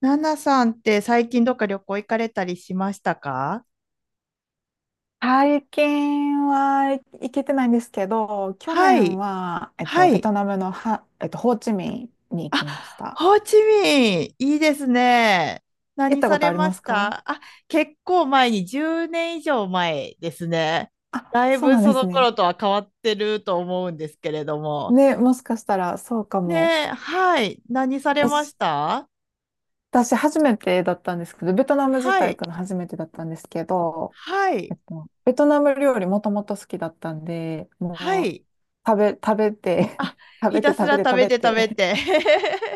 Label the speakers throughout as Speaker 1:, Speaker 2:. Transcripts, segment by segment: Speaker 1: ナナさんって最近どっか旅行行かれたりしましたか？
Speaker 2: 最近は行けてないんですけど、去
Speaker 1: は
Speaker 2: 年
Speaker 1: い。
Speaker 2: は、
Speaker 1: は
Speaker 2: ベ
Speaker 1: い。
Speaker 2: トナムのハ、えっと、ホーチミンに行き
Speaker 1: あ、
Speaker 2: ました。
Speaker 1: ホーチミン、いいですね。
Speaker 2: 行っ
Speaker 1: 何
Speaker 2: たこ
Speaker 1: さ
Speaker 2: と
Speaker 1: れ
Speaker 2: あり
Speaker 1: ま
Speaker 2: ま
Speaker 1: し
Speaker 2: すか？
Speaker 1: た？あ、結構前に、10年以上前ですね。
Speaker 2: あ、
Speaker 1: だい
Speaker 2: そう
Speaker 1: ぶ
Speaker 2: なん
Speaker 1: そ
Speaker 2: で
Speaker 1: の
Speaker 2: すね。
Speaker 1: 頃とは変わってると思うんですけれども。
Speaker 2: ね、もしかしたらそうか
Speaker 1: ね
Speaker 2: も。
Speaker 1: え、はい。何されまし
Speaker 2: 私、
Speaker 1: た？
Speaker 2: 私初めてだったんですけど、ベトナム自
Speaker 1: は
Speaker 2: 体
Speaker 1: い。
Speaker 2: 行くの初めてだったんですけど、
Speaker 1: はい。
Speaker 2: ベトナム料理もともと好きだったんで、
Speaker 1: は
Speaker 2: も
Speaker 1: い。
Speaker 2: う食べ、食べて
Speaker 1: あ、
Speaker 2: 食
Speaker 1: ひ
Speaker 2: べて
Speaker 1: たす
Speaker 2: 食
Speaker 1: ら
Speaker 2: べて
Speaker 1: 食
Speaker 2: 食
Speaker 1: べ
Speaker 2: べ
Speaker 1: て食べ
Speaker 2: て、
Speaker 1: て。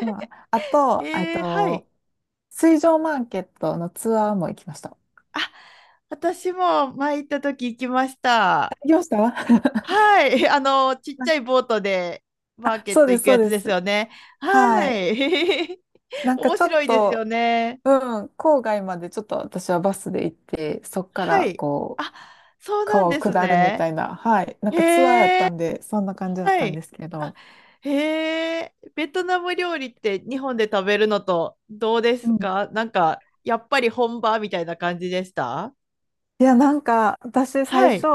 Speaker 2: まあ、あ と、
Speaker 1: えー、はい。
Speaker 2: 水上マーケットのツアーも行きました。行
Speaker 1: 私も前行った時行きました。
Speaker 2: きました
Speaker 1: はい。ちっちゃいボートでマー
Speaker 2: あ、
Speaker 1: ケッ
Speaker 2: そう
Speaker 1: ト
Speaker 2: で
Speaker 1: 行
Speaker 2: す、
Speaker 1: く
Speaker 2: そう
Speaker 1: やつ
Speaker 2: で
Speaker 1: です
Speaker 2: す。
Speaker 1: よね。
Speaker 2: は
Speaker 1: は
Speaker 2: い。
Speaker 1: い。
Speaker 2: な んか
Speaker 1: 面
Speaker 2: ちょ
Speaker 1: 白
Speaker 2: っ
Speaker 1: いですよ
Speaker 2: と、
Speaker 1: ね。
Speaker 2: うん、郊外までちょっと私はバスで行って、そっか
Speaker 1: は
Speaker 2: ら
Speaker 1: い。
Speaker 2: こう、
Speaker 1: あ、そうなん
Speaker 2: 川を
Speaker 1: です
Speaker 2: 下るみた
Speaker 1: ね。
Speaker 2: いな、はい。なん
Speaker 1: へ
Speaker 2: かツアー
Speaker 1: え、
Speaker 2: やったんで、そんな感じだっ
Speaker 1: は
Speaker 2: たんで
Speaker 1: い。
Speaker 2: すけ
Speaker 1: あ、
Speaker 2: ど。
Speaker 1: へえ、ベトナム料理って日本で食べるのとどうで
Speaker 2: う
Speaker 1: す
Speaker 2: ん。
Speaker 1: か？なんか、やっぱり本場みたいな感じでした？
Speaker 2: いや、なんか私最
Speaker 1: は
Speaker 2: 初、
Speaker 1: い。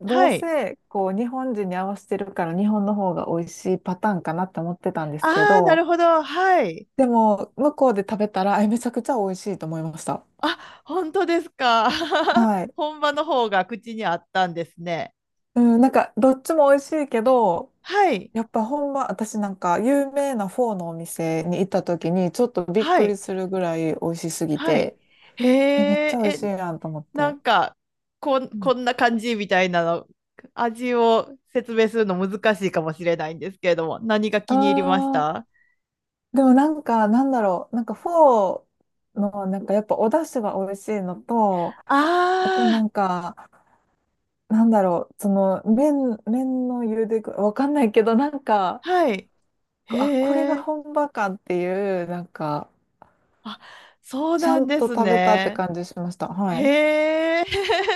Speaker 2: どう
Speaker 1: はい。
Speaker 2: せこう日本人に合わせてるから日本の方が美味しいパターンかなって思ってたんですけ
Speaker 1: ああ、な
Speaker 2: ど、
Speaker 1: るほど。はい。
Speaker 2: でも向こうで食べたら、えめちゃくちゃ美味しいと思いました。
Speaker 1: あ、本当ですか。
Speaker 2: はい。
Speaker 1: 本場の方が口にあったんですね。
Speaker 2: うん、なんか、どっちも美味しいけど、
Speaker 1: はい、
Speaker 2: やっぱほんま、私なんか、有名なフォーのお店に行った時に、ちょっとびっ
Speaker 1: は
Speaker 2: くり
Speaker 1: い、
Speaker 2: するぐらい美味しすぎ
Speaker 1: はい。
Speaker 2: て、
Speaker 1: へ
Speaker 2: え、めっち
Speaker 1: え、
Speaker 2: ゃ美味しい
Speaker 1: え、
Speaker 2: やんと思っ
Speaker 1: な
Speaker 2: て。
Speaker 1: んか、
Speaker 2: うん。
Speaker 1: こんな感じみたいなの、味を説明するの難しいかもしれないんですけれども、何が
Speaker 2: あ
Speaker 1: 気に入りまし
Speaker 2: ー、
Speaker 1: た？
Speaker 2: でもなんか、なんだろう、なんかフォーの、なんかやっぱお出汁が美味しいのと、あとな
Speaker 1: ああ
Speaker 2: んか、なんだろう、その、麺の茹で具、わかんないけど、なんか、
Speaker 1: ー、はい。へ
Speaker 2: あ、これが
Speaker 1: え、
Speaker 2: 本場かっていう、なんか、
Speaker 1: あ、そう
Speaker 2: ちゃ
Speaker 1: なん
Speaker 2: ん
Speaker 1: で
Speaker 2: と
Speaker 1: す
Speaker 2: 食べたって
Speaker 1: ね。
Speaker 2: 感じしました。はい。
Speaker 1: へえ、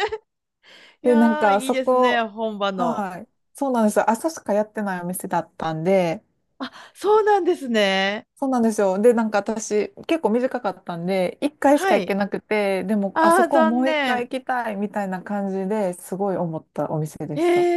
Speaker 1: い
Speaker 2: で、なん
Speaker 1: やー、
Speaker 2: か、
Speaker 1: いい
Speaker 2: そ
Speaker 1: ですね、
Speaker 2: こ、
Speaker 1: 本場の。
Speaker 2: はい。そうなんですよ。朝しかやってないお店だったんで、
Speaker 1: あ、そうなんですね。
Speaker 2: そうなんですよ。で、なんか私、結構短かったんで、1回し
Speaker 1: は
Speaker 2: か行け
Speaker 1: い。
Speaker 2: なくて、でも、あ
Speaker 1: あ
Speaker 2: そ
Speaker 1: あ、
Speaker 2: こはも
Speaker 1: 残
Speaker 2: う1回
Speaker 1: 念。
Speaker 2: 行きたいみたいな感じですごい思ったお店で
Speaker 1: え
Speaker 2: した。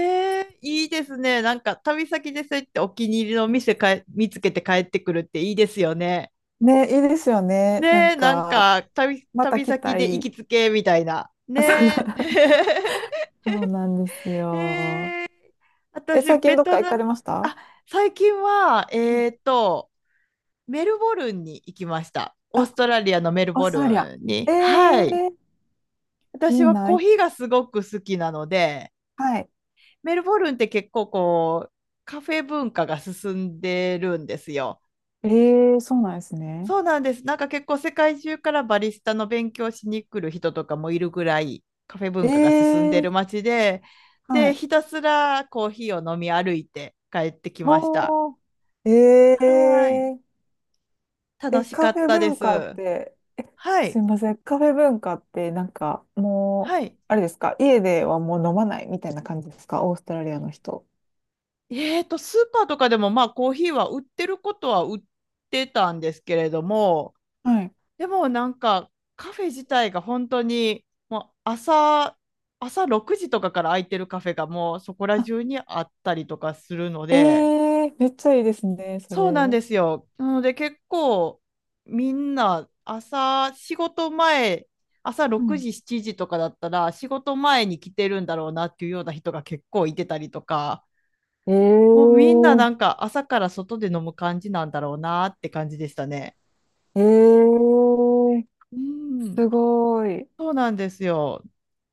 Speaker 1: え、いいですね。なんか旅先でそうやってお気に入りの店かえ見つけて帰ってくるっていいですよね。
Speaker 2: ね、いいですよね。なん
Speaker 1: ねえ、なん
Speaker 2: か、
Speaker 1: か
Speaker 2: また
Speaker 1: 旅
Speaker 2: 来
Speaker 1: 先
Speaker 2: た
Speaker 1: で行
Speaker 2: い。
Speaker 1: きつ けみたいな。
Speaker 2: あそう
Speaker 1: ねえ。
Speaker 2: そうなんですよ。え、
Speaker 1: 私、
Speaker 2: 最近
Speaker 1: ベ
Speaker 2: どっ
Speaker 1: ト
Speaker 2: か行
Speaker 1: ナ
Speaker 2: か
Speaker 1: ム、
Speaker 2: れました？
Speaker 1: あ、最近は、
Speaker 2: うん。
Speaker 1: メルボルンに行きました。オー
Speaker 2: あ、
Speaker 1: ストラリアのメル
Speaker 2: オー
Speaker 1: ボ
Speaker 2: ストラリア。
Speaker 1: ルン
Speaker 2: え
Speaker 1: に。はい。
Speaker 2: ー、い
Speaker 1: 私
Speaker 2: い
Speaker 1: はコー
Speaker 2: な。
Speaker 1: ヒーがすごく好きなので、
Speaker 2: はい。
Speaker 1: メルボルンって結構こう、カフェ文化が進んでるんですよ。
Speaker 2: ええ、そうなんですね。
Speaker 1: そうなんです。なんか結構世界中からバリスタの勉強しに来る人とかもいるぐらいカフェ文化が進んで
Speaker 2: ええ、
Speaker 1: る街で、
Speaker 2: は
Speaker 1: で、
Speaker 2: い。
Speaker 1: ひたすらコーヒーを飲み歩いて帰ってきました。
Speaker 2: お
Speaker 1: はい。
Speaker 2: ー、え、え、
Speaker 1: 楽
Speaker 2: え、
Speaker 1: しか
Speaker 2: カフ
Speaker 1: っ
Speaker 2: ェ
Speaker 1: たで
Speaker 2: 文化っ
Speaker 1: す。
Speaker 2: て、
Speaker 1: は
Speaker 2: す
Speaker 1: い。
Speaker 2: いません、カフェ文化ってなんかも
Speaker 1: は
Speaker 2: う、
Speaker 1: い。
Speaker 2: あれですか、家ではもう飲まないみたいな感じですか、オーストラリアの人。
Speaker 1: スーパーとかでもまあコーヒーは売ってることは売ってたんですけれども、
Speaker 2: はい。
Speaker 1: でもなんかカフェ自体が本当にもう朝6時とかから空いてるカフェがもうそこら
Speaker 2: あ、
Speaker 1: 中にあったりとかするの
Speaker 2: え、
Speaker 1: で、
Speaker 2: えめっちゃいいですね、それ。
Speaker 1: そうなんですよ。なので結構みんな朝仕事前、朝
Speaker 2: う
Speaker 1: 6
Speaker 2: ん。
Speaker 1: 時7時とかだったら仕事前に来てるんだろうなっていうような人が結構いてたりとか、
Speaker 2: ええ、
Speaker 1: もうみんななんか朝から外で飲む感じなんだろうなって感じでしたね。
Speaker 2: ええ、
Speaker 1: うん、
Speaker 2: すごい。
Speaker 1: そうなんですよ。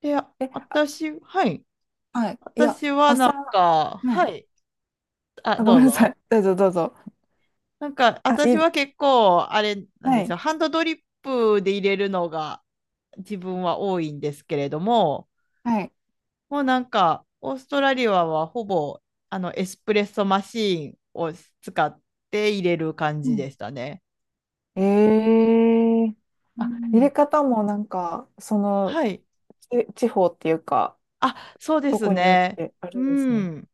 Speaker 1: で、あ、
Speaker 2: え、あ、
Speaker 1: 私、はい。
Speaker 2: はい。いや、
Speaker 1: 私はなん
Speaker 2: 朝、は
Speaker 1: か、は
Speaker 2: い。
Speaker 1: い。あ、
Speaker 2: あ、ご
Speaker 1: どう
Speaker 2: めんなさい。
Speaker 1: ぞ。
Speaker 2: どうぞどうぞ。
Speaker 1: なんか、
Speaker 2: あ、い
Speaker 1: 私
Speaker 2: い、
Speaker 1: は結構、あれなん
Speaker 2: は
Speaker 1: です
Speaker 2: い、
Speaker 1: よ。ハンドドリップで入れるのが自分は多いんですけれども、
Speaker 2: はい。
Speaker 1: もうなんか、オーストラリアはほぼ、エスプレッソマシーンを使って入れる感
Speaker 2: う
Speaker 1: じ
Speaker 2: ん、
Speaker 1: でしたね。
Speaker 2: ええ、
Speaker 1: う
Speaker 2: あ、入
Speaker 1: ん。
Speaker 2: れ方もなんか、その、
Speaker 1: はい。
Speaker 2: 地方っていうか、
Speaker 1: あ、そうで
Speaker 2: ど
Speaker 1: す
Speaker 2: こによっ
Speaker 1: ね。
Speaker 2: てあ
Speaker 1: う
Speaker 2: るんですね。
Speaker 1: ん。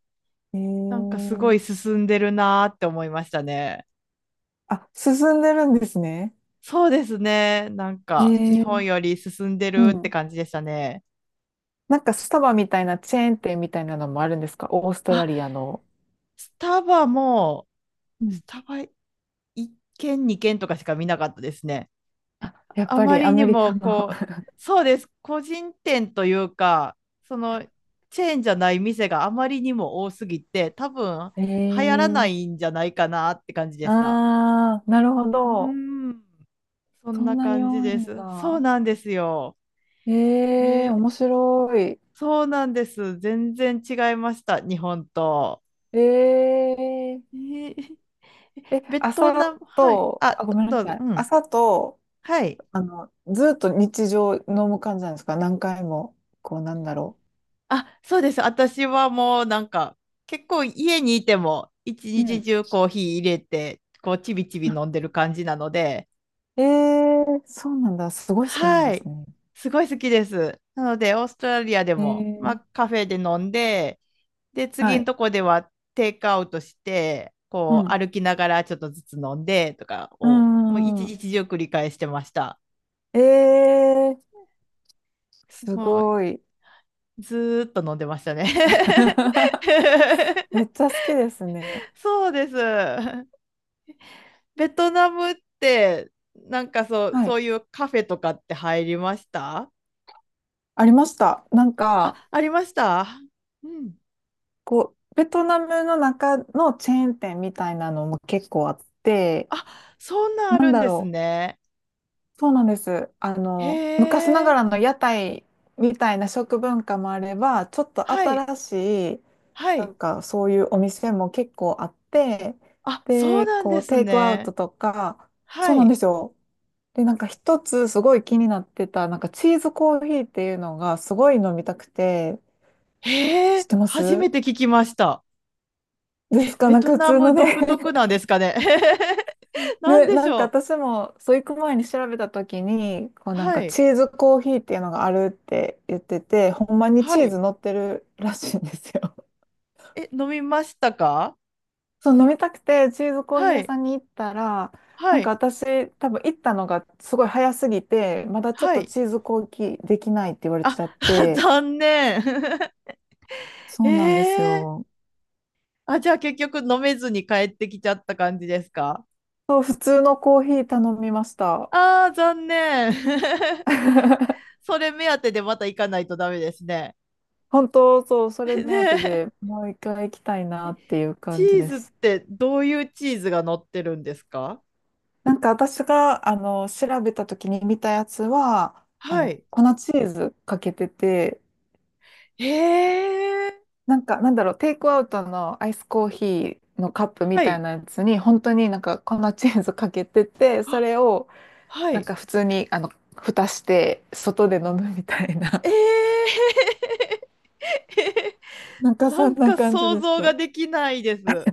Speaker 2: え
Speaker 1: なんかす
Speaker 2: え、
Speaker 1: ごい進んでるなーって思いましたね。
Speaker 2: あ、進んでるんですね。
Speaker 1: そうですね。なんか、日本
Speaker 2: ええ、
Speaker 1: より進んで
Speaker 2: う
Speaker 1: るって
Speaker 2: ん。
Speaker 1: 感じでしたね。
Speaker 2: なんかスタバみたいなチェーン店みたいなのもあるんですか？オーストラ
Speaker 1: あ、
Speaker 2: リアの。
Speaker 1: スタバも、
Speaker 2: うん。
Speaker 1: スタバ1軒、2軒とかしか見なかったですね。
Speaker 2: あ、やっ
Speaker 1: あ
Speaker 2: ぱ
Speaker 1: ま
Speaker 2: りア
Speaker 1: りに
Speaker 2: メリカ
Speaker 1: も、
Speaker 2: の。
Speaker 1: こう、そうです。個人店というか、その、チェーンじゃない店があまりにも多すぎて、多分、流行らな
Speaker 2: ええ、
Speaker 1: いんじゃないかなって感じでした。
Speaker 2: ああ、なるほ
Speaker 1: う
Speaker 2: ど。
Speaker 1: ーん、そ
Speaker 2: そ
Speaker 1: んな
Speaker 2: んなに
Speaker 1: 感じ
Speaker 2: 多い
Speaker 1: で
Speaker 2: ん
Speaker 1: す。そう
Speaker 2: だ。
Speaker 1: なんですよ。
Speaker 2: ええ、
Speaker 1: え
Speaker 2: 面
Speaker 1: ー
Speaker 2: 白い。
Speaker 1: そうなんです。全然違いました。日本と。
Speaker 2: え、え、
Speaker 1: えー
Speaker 2: え、
Speaker 1: ベト
Speaker 2: 朝
Speaker 1: ナム はい。
Speaker 2: と、あ、
Speaker 1: あ、
Speaker 2: ごめんな
Speaker 1: どう
Speaker 2: さ
Speaker 1: ぞ。
Speaker 2: い。
Speaker 1: うん。
Speaker 2: 朝と、
Speaker 1: はい。
Speaker 2: あの、ずっと日常飲む感じなんですか？何回も、こう、なんだろ
Speaker 1: あ、そうです。私はもうなんか、結構家にいても、一
Speaker 2: う。ん。う
Speaker 1: 日
Speaker 2: ん。
Speaker 1: 中コーヒー入れて、こう、ちびちび
Speaker 2: あ、
Speaker 1: 飲んでる感じなので、
Speaker 2: えーそうなんだ。すごい好きなんで
Speaker 1: は
Speaker 2: す
Speaker 1: い。
Speaker 2: ね。
Speaker 1: すごい好きです。なので、オーストラリアで
Speaker 2: え
Speaker 1: も、まあ、
Speaker 2: ー、
Speaker 1: カフェで飲んで、で、
Speaker 2: は
Speaker 1: 次の
Speaker 2: い。
Speaker 1: とこではテイクアウトして、
Speaker 2: う
Speaker 1: こう
Speaker 2: ん。
Speaker 1: 歩きながらちょっとずつ飲んでとか
Speaker 2: う
Speaker 1: を、もう
Speaker 2: んうん
Speaker 1: 一
Speaker 2: うん。
Speaker 1: 日中繰り返してました。
Speaker 2: ええ、す
Speaker 1: もう
Speaker 2: ごい。
Speaker 1: ずーっと飲んでましたね。
Speaker 2: めっちゃ好きですね。
Speaker 1: そうです。ベトナムって、なんか
Speaker 2: は
Speaker 1: そ
Speaker 2: い。
Speaker 1: ういうカフェとかって入りました？
Speaker 2: ありました。なんか、
Speaker 1: あ、ありました。うん。
Speaker 2: こう、ベトナムの中のチェーン店みたいなのも結構あって、
Speaker 1: あ、そんなんあ
Speaker 2: なん
Speaker 1: るん
Speaker 2: だ
Speaker 1: です
Speaker 2: ろう。
Speaker 1: ね。
Speaker 2: そうなんです。あ
Speaker 1: へ
Speaker 2: の、昔なが
Speaker 1: え。
Speaker 2: らの屋台みたいな食文化もあれば、ちょっと
Speaker 1: はい。
Speaker 2: 新しい、
Speaker 1: は
Speaker 2: な
Speaker 1: い。
Speaker 2: んかそういうお店も結構あって、
Speaker 1: あ、そう
Speaker 2: で、
Speaker 1: なん
Speaker 2: こ
Speaker 1: で
Speaker 2: う、
Speaker 1: す
Speaker 2: テイクアウ
Speaker 1: ね。
Speaker 2: トとか、そう
Speaker 1: は
Speaker 2: なん
Speaker 1: い。
Speaker 2: ですよ。で、なんか一つすごい気になってた、なんかチーズコーヒーっていうのがすごい飲みたくて、
Speaker 1: へ
Speaker 2: 知っ
Speaker 1: え、
Speaker 2: てま
Speaker 1: 初
Speaker 2: す
Speaker 1: めて聞きました。
Speaker 2: ですか？
Speaker 1: ベ
Speaker 2: なん
Speaker 1: ト
Speaker 2: か普
Speaker 1: ナ
Speaker 2: 通の
Speaker 1: ム
Speaker 2: ね、
Speaker 1: 独特なんですかね。なん
Speaker 2: で、
Speaker 1: で
Speaker 2: な
Speaker 1: し
Speaker 2: んか
Speaker 1: ょ
Speaker 2: 私も、そう行く前に調べた時に、こう
Speaker 1: う。
Speaker 2: なん
Speaker 1: は
Speaker 2: か
Speaker 1: い。
Speaker 2: チーズコーヒーっていうのがあるって言ってて、ほんまに
Speaker 1: は
Speaker 2: チーズ
Speaker 1: い。
Speaker 2: 乗ってるらしいんですよ。
Speaker 1: え、飲みましたか？
Speaker 2: そう、飲みたくてチーズコーヒー
Speaker 1: は
Speaker 2: 屋
Speaker 1: い。
Speaker 2: さんに行ったら、
Speaker 1: は
Speaker 2: なんか
Speaker 1: い。
Speaker 2: 私多分行ったのがすごい早すぎて、まだちょっ
Speaker 1: は
Speaker 2: と
Speaker 1: い。
Speaker 2: チーズコーヒーできないって言われ
Speaker 1: あ、
Speaker 2: ちゃっ て、
Speaker 1: 残念。
Speaker 2: そうなんです
Speaker 1: ええ、
Speaker 2: よ。
Speaker 1: あ、じゃあ結局飲めずに帰ってきちゃった感じですか？
Speaker 2: そう、普通のコーヒー頼みました。
Speaker 1: ああー、残念。それ目当てでまた行かないとダメですね。
Speaker 2: 本当、そう、それ 目当て
Speaker 1: ね
Speaker 2: でもう一回行きたいな
Speaker 1: え、
Speaker 2: っていう
Speaker 1: チ
Speaker 2: 感じ
Speaker 1: ー
Speaker 2: で
Speaker 1: ズっ
Speaker 2: す。
Speaker 1: てどういうチーズが乗ってるんですか？
Speaker 2: なんか私が、あの、調べた時に見たやつは、あ
Speaker 1: は
Speaker 2: の、
Speaker 1: い。
Speaker 2: 粉チーズかけてて、
Speaker 1: へえ、
Speaker 2: なんか、なんだろう、テイクアウトのアイスコーヒーのカップみ
Speaker 1: は
Speaker 2: たい
Speaker 1: い。
Speaker 2: なやつに、本当になんか粉チーズかけてて、そ
Speaker 1: あ、
Speaker 2: れを、
Speaker 1: は
Speaker 2: なん
Speaker 1: い。
Speaker 2: か普通に、あの、蓋して、外で飲むみたいな。
Speaker 1: ええ。
Speaker 2: なん か
Speaker 1: な
Speaker 2: そん
Speaker 1: ん
Speaker 2: な
Speaker 1: か
Speaker 2: 感じ
Speaker 1: 想
Speaker 2: でし
Speaker 1: 像が
Speaker 2: た。
Speaker 1: できないです。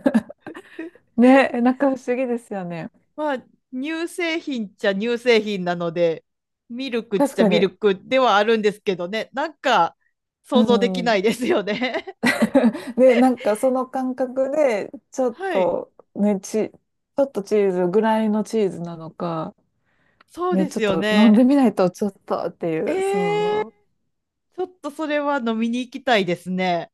Speaker 2: ね、なんか不思議ですよね。
Speaker 1: まあ、乳製品っちゃ乳製品なので、ミルクっ
Speaker 2: 確
Speaker 1: ちゃ
Speaker 2: か
Speaker 1: ミル
Speaker 2: に。
Speaker 1: クではあるんですけどね、なんか
Speaker 2: う
Speaker 1: 想像できな
Speaker 2: ん。
Speaker 1: いですよね。
Speaker 2: で、なんかその感覚で、
Speaker 1: はい。
Speaker 2: ちょっとチーズぐらいのチーズなのか、
Speaker 1: そう
Speaker 2: ね、
Speaker 1: で
Speaker 2: ち
Speaker 1: す
Speaker 2: ょっ
Speaker 1: よ
Speaker 2: と飲ん
Speaker 1: ね。
Speaker 2: でみないとちょっとっていう、
Speaker 1: ええ、
Speaker 2: そ
Speaker 1: ちょっとそれは飲みに行きたいですね。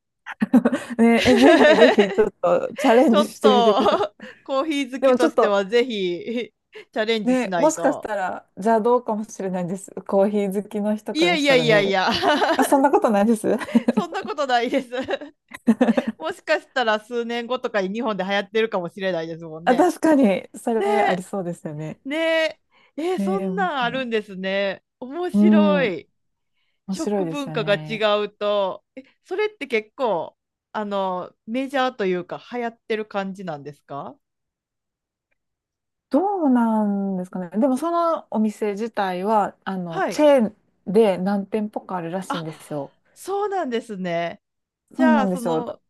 Speaker 2: う。ね、え、ぜひぜひちょっとチャレ
Speaker 1: ち
Speaker 2: ン
Speaker 1: ょ
Speaker 2: ジ
Speaker 1: っ
Speaker 2: してみてくださ
Speaker 1: と
Speaker 2: い。
Speaker 1: コーヒー好
Speaker 2: で
Speaker 1: き
Speaker 2: もち
Speaker 1: と
Speaker 2: ょっ
Speaker 1: して
Speaker 2: と
Speaker 1: はぜひチャレンジし
Speaker 2: ね、
Speaker 1: な
Speaker 2: も
Speaker 1: い
Speaker 2: しかし
Speaker 1: と。
Speaker 2: たら邪道かもしれないです。コーヒー好きの人
Speaker 1: い
Speaker 2: か
Speaker 1: や
Speaker 2: ら
Speaker 1: い
Speaker 2: し
Speaker 1: や
Speaker 2: たら
Speaker 1: いやい
Speaker 2: ね。
Speaker 1: や、
Speaker 2: あ、そん なことないです。
Speaker 1: そんなことないです。もしかしたら数年後とかに日本で流行ってるかもしれないですもん
Speaker 2: あ、
Speaker 1: ね。
Speaker 2: 確かに、それあり
Speaker 1: ね
Speaker 2: そうですよね。
Speaker 1: え、ねえ、そ
Speaker 2: ねえ、
Speaker 1: ん
Speaker 2: 面
Speaker 1: なんあ
Speaker 2: 白
Speaker 1: る
Speaker 2: い。
Speaker 1: んですね。面
Speaker 2: う
Speaker 1: 白
Speaker 2: ん、
Speaker 1: い。
Speaker 2: 面白い
Speaker 1: 食
Speaker 2: です
Speaker 1: 文
Speaker 2: よ
Speaker 1: 化が違
Speaker 2: ね。
Speaker 1: うと、それって結構、メジャーというか、流行ってる感じなんですか？
Speaker 2: どうなんですかね。でもそのお店自体は、あの、
Speaker 1: は
Speaker 2: チ
Speaker 1: い。
Speaker 2: ェーンで何店舗かあるらしいん
Speaker 1: あ、
Speaker 2: ですよ。
Speaker 1: そうなんですね。じ
Speaker 2: そう
Speaker 1: ゃ
Speaker 2: な
Speaker 1: あ、
Speaker 2: んですよ。だ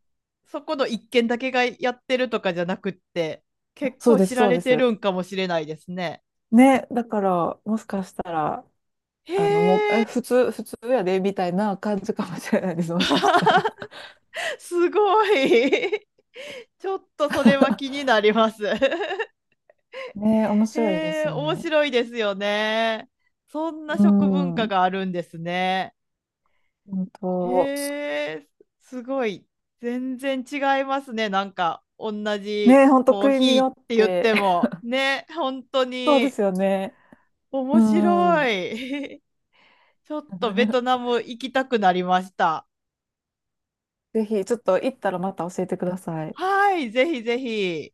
Speaker 1: そこの一軒だけがやってるとかじゃなくって、結
Speaker 2: そう
Speaker 1: 構
Speaker 2: で
Speaker 1: 知
Speaker 2: す、
Speaker 1: ら
Speaker 2: そう
Speaker 1: れ
Speaker 2: で
Speaker 1: て
Speaker 2: す。
Speaker 1: るんかもしれないですね。
Speaker 2: ね、だから、もしかしたら、
Speaker 1: へ
Speaker 2: あの、もう、え、
Speaker 1: え。
Speaker 2: 普通やで、みたいな感じかもしれないです、もしかしたら。
Speaker 1: すごい。 ちょっとそれは気に なります。
Speaker 2: ね、面白いで
Speaker 1: へえ、
Speaker 2: すよ
Speaker 1: 面
Speaker 2: ね。
Speaker 1: 白いですよね。そんな
Speaker 2: う
Speaker 1: 食文化
Speaker 2: ん、
Speaker 1: があるんですね。
Speaker 2: 本
Speaker 1: へ
Speaker 2: 当。
Speaker 1: え、すごい。全然違いますね。なんか同じ
Speaker 2: ね、本当
Speaker 1: コー
Speaker 2: 国
Speaker 1: ヒ
Speaker 2: に
Speaker 1: ーっ
Speaker 2: よっ
Speaker 1: て言っ
Speaker 2: て、
Speaker 1: て もね、本当
Speaker 2: そうで
Speaker 1: に
Speaker 2: すよね。う
Speaker 1: 面
Speaker 2: ん。
Speaker 1: 白い。ちょっとベトナ ム行きたくなりました。
Speaker 2: ぜひ、ちょっと行ったらまた教えてください。
Speaker 1: はい、ぜひぜひ。